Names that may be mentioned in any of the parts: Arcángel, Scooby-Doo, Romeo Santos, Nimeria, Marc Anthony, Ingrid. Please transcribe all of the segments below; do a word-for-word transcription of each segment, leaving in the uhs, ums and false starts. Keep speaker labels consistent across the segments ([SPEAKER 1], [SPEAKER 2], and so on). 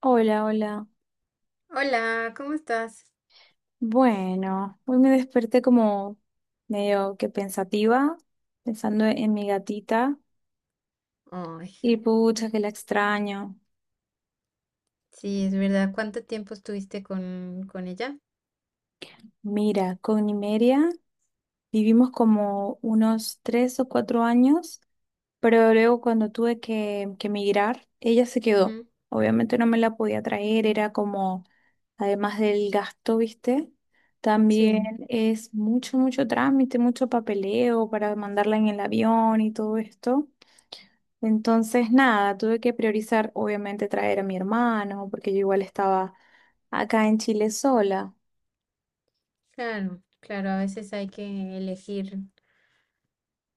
[SPEAKER 1] Hola, hola.
[SPEAKER 2] Hola, ¿cómo estás?
[SPEAKER 1] Bueno, hoy me desperté como medio que pensativa, pensando en mi gatita
[SPEAKER 2] Ay,
[SPEAKER 1] y pucha que la extraño.
[SPEAKER 2] sí, es verdad. ¿Cuánto tiempo estuviste con, con ella?
[SPEAKER 1] Mira, con Nimeria vivimos como unos tres o cuatro años, pero luego cuando tuve que, que emigrar, ella se quedó.
[SPEAKER 2] Ujú.
[SPEAKER 1] Obviamente no me la podía traer, era como, además del gasto, ¿viste?
[SPEAKER 2] Sí,
[SPEAKER 1] También es mucho, mucho trámite, mucho papeleo para mandarla en el avión y todo esto. Entonces, nada, tuve que priorizar, obviamente, traer a mi hermano, porque yo igual estaba acá en Chile sola.
[SPEAKER 2] claro, claro, a veces hay que elegir,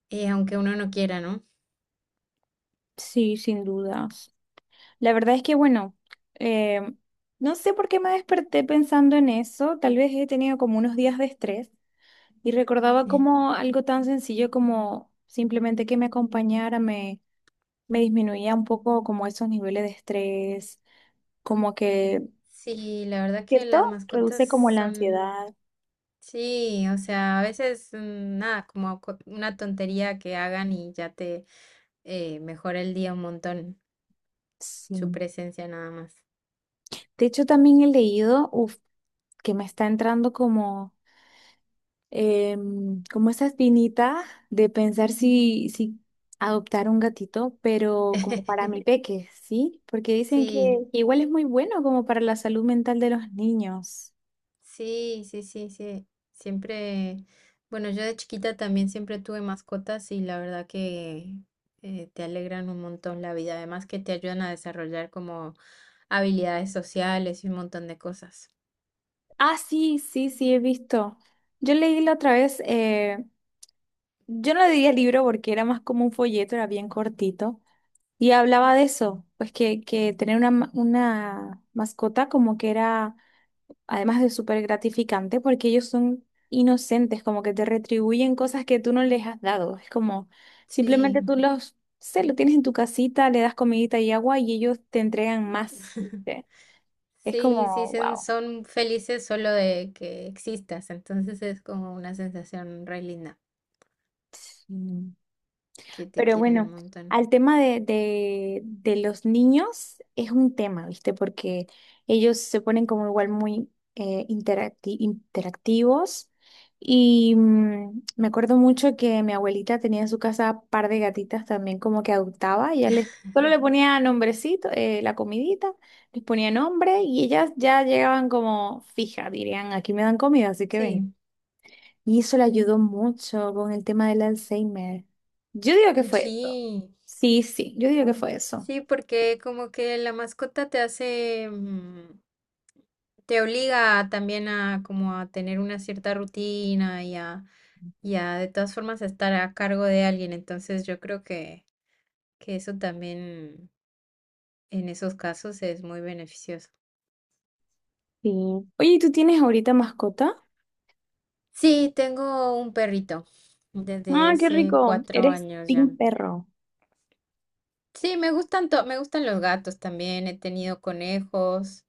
[SPEAKER 2] eh, aunque uno no quiera, ¿no?
[SPEAKER 1] Sí, sin dudas. La verdad es que, bueno, eh, no sé por qué me desperté pensando en eso. Tal vez he tenido como unos días de estrés y recordaba como
[SPEAKER 2] Sí.
[SPEAKER 1] algo tan sencillo como simplemente que me acompañara, me, me disminuía un poco como esos niveles de estrés, como que,
[SPEAKER 2] Sí, la verdad que
[SPEAKER 1] ¿cierto?
[SPEAKER 2] las mascotas
[SPEAKER 1] Reduce como la
[SPEAKER 2] son,
[SPEAKER 1] ansiedad.
[SPEAKER 2] sí, o sea, a veces mm, nada, como co- una tontería que hagan y ya te eh, mejora el día un montón, su
[SPEAKER 1] Sí.
[SPEAKER 2] presencia nada más.
[SPEAKER 1] De hecho, también he leído, uf que me está entrando como em, como esa espinita de pensar si, si adoptar un gatito, pero como para mi peque, ¿sí? Porque dicen que
[SPEAKER 2] Sí.
[SPEAKER 1] igual es muy bueno como para la salud mental de los niños.
[SPEAKER 2] Sí, sí, sí, sí. Siempre, bueno, yo de chiquita también siempre tuve mascotas y la verdad que eh, te alegran un montón la vida, además que te ayudan a desarrollar como habilidades sociales y un montón de cosas.
[SPEAKER 1] Ah, sí, sí, sí, he visto. Yo leí la otra vez, eh, yo no le diría libro porque era más como un folleto, era bien cortito, y hablaba de eso, pues que, que tener una, ma- una mascota como que era además de súper gratificante, porque ellos son inocentes, como que te retribuyen cosas que tú no les has dado. Es como simplemente tú
[SPEAKER 2] Sí,
[SPEAKER 1] los, se lo tienes en tu casita, le das comidita y agua y ellos te entregan más. ¿Viste? Es
[SPEAKER 2] sí, sí,
[SPEAKER 1] como,
[SPEAKER 2] sen-
[SPEAKER 1] wow.
[SPEAKER 2] son felices solo de que existas, entonces es como una sensación re linda, que te
[SPEAKER 1] Pero
[SPEAKER 2] quieren un
[SPEAKER 1] bueno,
[SPEAKER 2] montón.
[SPEAKER 1] al tema de, de, de los niños es un tema, ¿viste? Porque ellos se ponen como igual muy eh, interacti- interactivos. Y mm, me acuerdo mucho que mi abuelita tenía en su casa par de gatitas también como que adoptaba. Ella les, solo le ponía nombrecito, eh, la comidita, les ponía nombre y ellas ya llegaban como fija, dirían, aquí me dan comida, así que ven.
[SPEAKER 2] Sí,
[SPEAKER 1] Y eso le ayudó mucho con el tema del Alzheimer. Yo digo que fue eso.
[SPEAKER 2] sí.
[SPEAKER 1] Sí, sí, yo digo que fue eso.
[SPEAKER 2] Sí, porque como que la mascota te hace, mm, te obliga también a como a tener una cierta rutina y a, y a de todas formas a estar a cargo de alguien. Entonces yo creo que, que eso también en esos casos es muy beneficioso.
[SPEAKER 1] Sí. Oye, ¿y tú tienes ahorita mascota?
[SPEAKER 2] Sí, tengo un perrito desde
[SPEAKER 1] Ah, qué
[SPEAKER 2] hace
[SPEAKER 1] rico.
[SPEAKER 2] cuatro
[SPEAKER 1] Eres
[SPEAKER 2] años ya.
[SPEAKER 1] team perro.
[SPEAKER 2] Sí, me gustan to- me gustan los gatos también. He tenido conejos.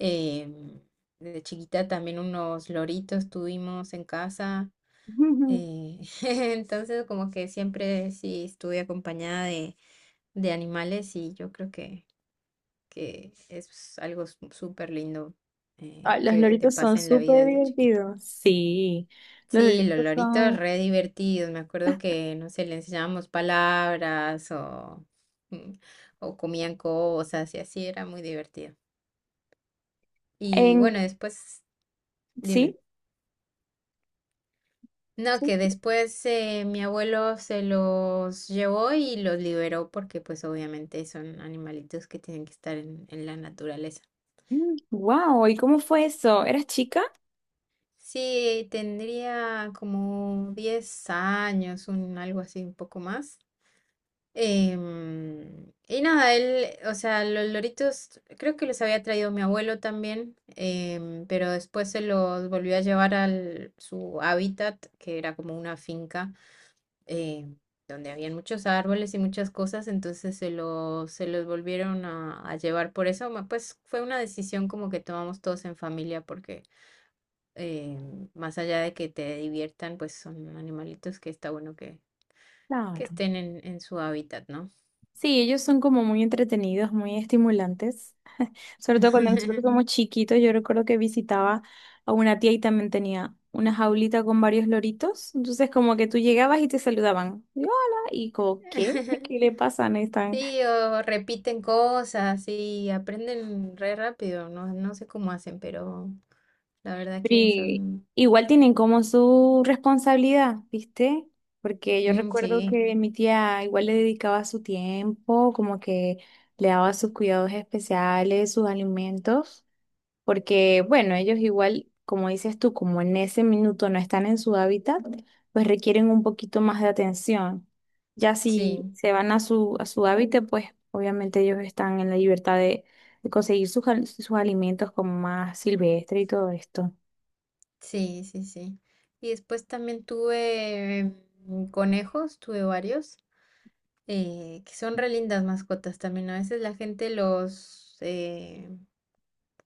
[SPEAKER 2] em, de chiquita también unos loritos tuvimos en casa. eh, entonces, como que siempre sí estuve acompañada de, de animales y yo creo que, que es algo su- súper lindo
[SPEAKER 1] Ah,
[SPEAKER 2] eh,
[SPEAKER 1] los
[SPEAKER 2] que te
[SPEAKER 1] loritos son
[SPEAKER 2] pasa en la vida
[SPEAKER 1] súper
[SPEAKER 2] desde chiquito.
[SPEAKER 1] divertidos. Sí, los
[SPEAKER 2] Sí, los
[SPEAKER 1] loritos
[SPEAKER 2] loritos
[SPEAKER 1] son...
[SPEAKER 2] re divertidos. Me acuerdo que, no sé, le enseñábamos palabras o, mm, o comían cosas y así era muy divertido. Y
[SPEAKER 1] En...
[SPEAKER 2] bueno, después, dime.
[SPEAKER 1] Sí,
[SPEAKER 2] No,
[SPEAKER 1] sí.
[SPEAKER 2] que después eh, mi abuelo se los llevó y los liberó porque pues obviamente son animalitos que tienen que estar en, en la naturaleza.
[SPEAKER 1] Wow, ¿y cómo fue eso? ¿Eras chica?
[SPEAKER 2] Sí, tendría como diez años, un, algo así, un poco más. Em, y nada, él, o sea, los loritos creo que los había traído mi abuelo también, em, pero después se los volvió a llevar al su hábitat, que era como una finca, eh, donde habían muchos árboles y muchas cosas, entonces se los, se los volvieron a, a llevar por eso, ma- pues fue una decisión como que tomamos todos en familia, porque em, más allá de que te diviertan, pues son animalitos que está bueno que, que
[SPEAKER 1] Claro.
[SPEAKER 2] estén en, en su hábitat, ¿no?
[SPEAKER 1] Sí, ellos son como muy entretenidos, muy estimulantes. Sobre todo cuando nosotros somos chiquitos, yo recuerdo que visitaba a una tía y también tenía una jaulita con varios loritos. Entonces, como que tú llegabas y te saludaban. Y, hola, y como, ¿qué? ¿Qué le pasa? No están.
[SPEAKER 2] Sí, o repiten cosas y aprenden re rápido, no, no sé cómo hacen, pero la verdad
[SPEAKER 1] Pero
[SPEAKER 2] que
[SPEAKER 1] i-
[SPEAKER 2] son...
[SPEAKER 1] igual tienen como su responsabilidad, ¿viste? Porque yo
[SPEAKER 2] Mm,
[SPEAKER 1] recuerdo
[SPEAKER 2] sí,
[SPEAKER 1] que mi tía igual le dedicaba su tiempo, como que le daba sus cuidados especiales, sus alimentos. Porque bueno, ellos igual, como dices tú, como en ese minuto no están en su hábitat, pues requieren un poquito más de atención. Ya si
[SPEAKER 2] sí,
[SPEAKER 1] se van a su, a su hábitat, pues obviamente ellos están en la libertad de, de conseguir sus, al- sus alimentos como más silvestre y todo esto.
[SPEAKER 2] sí, sí, sí. Y después también tuve mm, conejos, tuve varios, eh, que son re lindas mascotas también. ¿No? A veces la gente los, eh,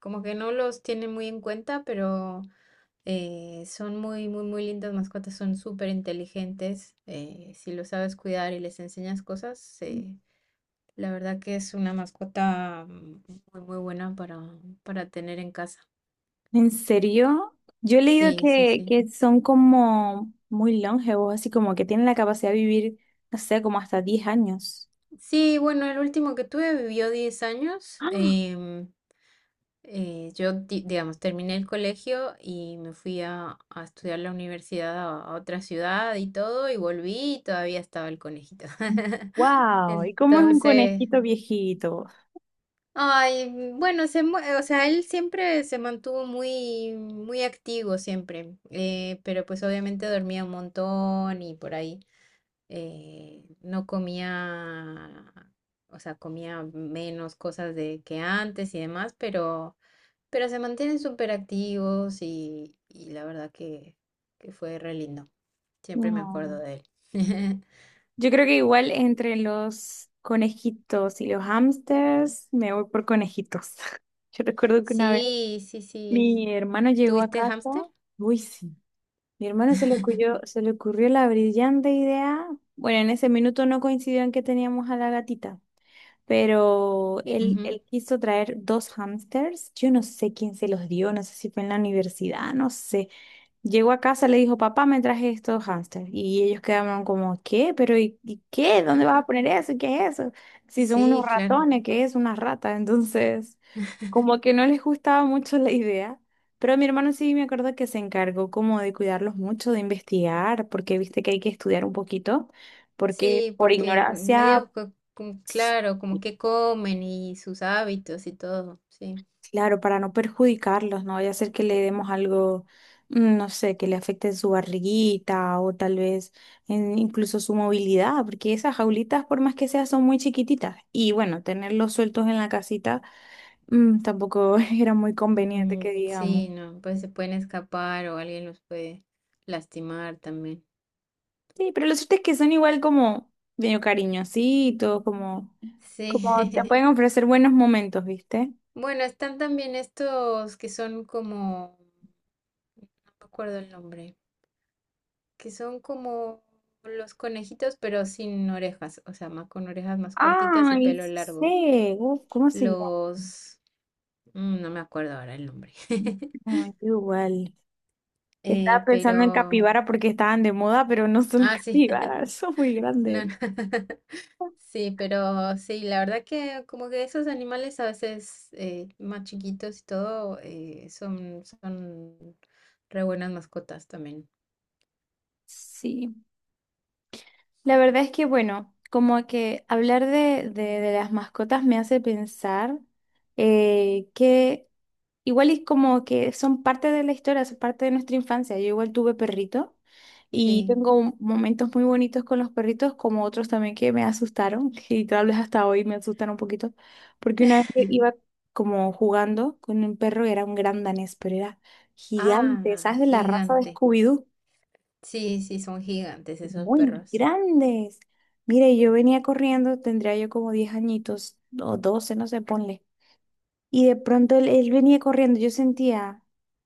[SPEAKER 2] como que no los tiene muy en cuenta, pero... Eh, son muy, muy, muy lindas mascotas, son súper inteligentes. eh, si lo sabes cuidar y les enseñas cosas, eh, la verdad que es una mascota mm, muy, muy buena para, para tener en casa.
[SPEAKER 1] ¿En serio? Yo he leído
[SPEAKER 2] Sí, sí,
[SPEAKER 1] que,
[SPEAKER 2] sí.
[SPEAKER 1] que son como muy longevos, así como que tienen la capacidad de vivir, no sé, como hasta diez años.
[SPEAKER 2] Sí, bueno, el último que tuve vivió diez años.
[SPEAKER 1] ¡Ah!
[SPEAKER 2] em, eh, yo, di- digamos, terminé el colegio y me fui a, a estudiar la universidad a, a otra ciudad y todo, y volví y todavía estaba el conejito.
[SPEAKER 1] ¡Wow! ¿Y cómo es un
[SPEAKER 2] Entonces...
[SPEAKER 1] conejito viejito?
[SPEAKER 2] Ay, bueno, se, mu- o sea, él siempre se mantuvo muy, muy activo siempre, eh, pero pues obviamente dormía un montón y por ahí eh, no comía, o sea, comía menos cosas de que antes y demás, pero, pero se mantienen súper activos y, y la verdad que, que fue re lindo. Siempre me acuerdo
[SPEAKER 1] No.
[SPEAKER 2] de él.
[SPEAKER 1] Yo creo que igual entre los conejitos y los hámsters me voy por conejitos. Yo recuerdo que una vez
[SPEAKER 2] Sí, sí, sí.
[SPEAKER 1] mi hermano llegó a
[SPEAKER 2] ¿Tuviste
[SPEAKER 1] casa,
[SPEAKER 2] hámster?
[SPEAKER 1] uy sí, mi hermano se le ocurrió, se le ocurrió la brillante idea, bueno, en ese minuto no coincidió en que teníamos a la gatita, pero él,
[SPEAKER 2] Ujú.
[SPEAKER 1] él quiso traer dos hámsters, yo no sé quién se los dio, no sé si fue en la universidad, no sé. Llegó a casa, le dijo, papá, me traje estos hámsters. Y ellos quedaron como, ¿qué? ¿Pero y, y qué? ¿Dónde vas a poner eso? ¿Qué es eso? Si son unos
[SPEAKER 2] Sí, claro.
[SPEAKER 1] ratones, ¿qué es? Una rata. Entonces, como que no les gustaba mucho la idea. Pero mi hermano sí me acuerdo que se encargó como de cuidarlos mucho, de investigar, porque viste que hay que estudiar un poquito, porque
[SPEAKER 2] Sí,
[SPEAKER 1] por
[SPEAKER 2] porque
[SPEAKER 1] ignorancia,
[SPEAKER 2] medio co- como, claro, como que comen y sus hábitos y todo, sí.
[SPEAKER 1] claro, para no perjudicarlos, no vaya a ser que le demos algo, mm, no sé, que le afecte su barriguita o tal vez en- incluso su movilidad, porque esas jaulitas, por más que sea, son muy chiquititas. Y bueno, tenerlos sueltos en la casita, mm, tampoco era muy conveniente
[SPEAKER 2] Mm,
[SPEAKER 1] que digamos.
[SPEAKER 2] sí, no, pues se pueden escapar o alguien los puede lastimar también.
[SPEAKER 1] Sí, pero lo cierto es que son igual como medio cariñositos, como, como te
[SPEAKER 2] Sí.
[SPEAKER 1] pueden ofrecer buenos momentos, ¿viste?
[SPEAKER 2] Bueno, están también estos que son como, no me acuerdo el nombre, que son como los conejitos pero sin orejas, o sea, más con orejas más cortitas y
[SPEAKER 1] Ay,
[SPEAKER 2] pelo
[SPEAKER 1] sí
[SPEAKER 2] largo.
[SPEAKER 1] sé, uf, ¿cómo se llama?
[SPEAKER 2] Los, mm, no me acuerdo ahora el nombre.
[SPEAKER 1] Ay, qué igual. Estaba
[SPEAKER 2] Eh,
[SPEAKER 1] pensando en
[SPEAKER 2] pero,
[SPEAKER 1] capibara porque estaban de moda, pero no son las
[SPEAKER 2] ah, sí,
[SPEAKER 1] capibaras, son muy
[SPEAKER 2] no,
[SPEAKER 1] grandes.
[SPEAKER 2] no. Sí, pero sí, la verdad que como que esos animales a veces eh, más chiquitos y todo eh, son, son re buenas mascotas también.
[SPEAKER 1] Sí, la verdad es que bueno, como que hablar de, de- de las mascotas me hace pensar eh, que igual es como que son parte de la historia, son parte de nuestra infancia. Yo igual tuve perrito y
[SPEAKER 2] Sí.
[SPEAKER 1] tengo un- momentos muy bonitos con los perritos, como otros también que me asustaron, y tal vez hasta hoy me asustan un poquito, porque una vez que iba como jugando con un perro, era un gran danés, pero era gigante,
[SPEAKER 2] Ah,
[SPEAKER 1] ¿sabes? De la raza de
[SPEAKER 2] gigante.
[SPEAKER 1] Scooby-Doo,
[SPEAKER 2] Sí, sí, son gigantes esos
[SPEAKER 1] muy
[SPEAKER 2] perros.
[SPEAKER 1] grandes. Mire, yo venía corriendo, tendría yo como diez añitos o doce no sé, ponle. Y de pronto él, él venía corriendo, yo sentía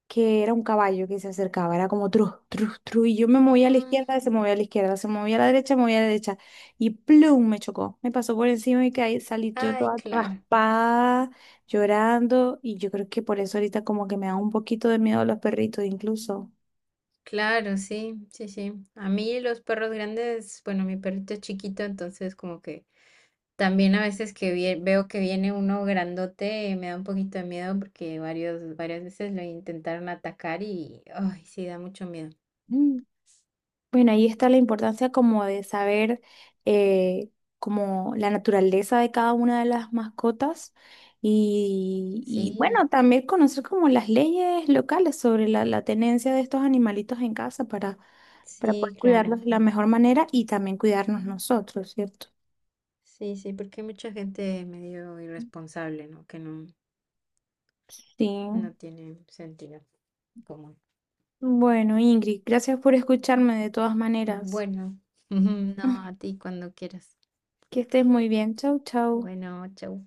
[SPEAKER 1] que era un caballo que se acercaba, era como tru, tru, tru, y yo me movía a la izquierda,
[SPEAKER 2] Mm.
[SPEAKER 1] se movía a la izquierda, se movía a la derecha, movía a la derecha, y plum, me chocó, me pasó por encima y caí, salí yo
[SPEAKER 2] Ay,
[SPEAKER 1] toda
[SPEAKER 2] claro.
[SPEAKER 1] raspada, llorando, y yo creo que por eso ahorita como que me da un poquito de miedo a los perritos incluso.
[SPEAKER 2] Claro, sí, sí, sí. A mí los perros grandes, bueno, mi perrito es chiquito, entonces como que también a veces que vie- veo que viene uno grandote, eh, me da un poquito de miedo porque varios, varias veces lo intentaron atacar y, ay, sí, da mucho miedo.
[SPEAKER 1] Mm. Bueno, ahí está la importancia como de saber eh, como la naturaleza de cada una de las mascotas y, y,
[SPEAKER 2] Sí,
[SPEAKER 1] bueno, también conocer como las leyes locales sobre la, la tenencia de estos animalitos en casa para, para poder
[SPEAKER 2] sí, claro.
[SPEAKER 1] cuidarlos de la mejor manera y también cuidarnos nosotros, ¿cierto?
[SPEAKER 2] Sí, sí, porque hay mucha gente medio irresponsable, ¿no? Que no,
[SPEAKER 1] Sí.
[SPEAKER 2] no tiene sentido común.
[SPEAKER 1] Bueno, Ingrid, gracias por escucharme de todas maneras.
[SPEAKER 2] Bueno, no, a ti cuando quieras.
[SPEAKER 1] Que estés muy bien. Chau, chau.
[SPEAKER 2] Bueno, chau.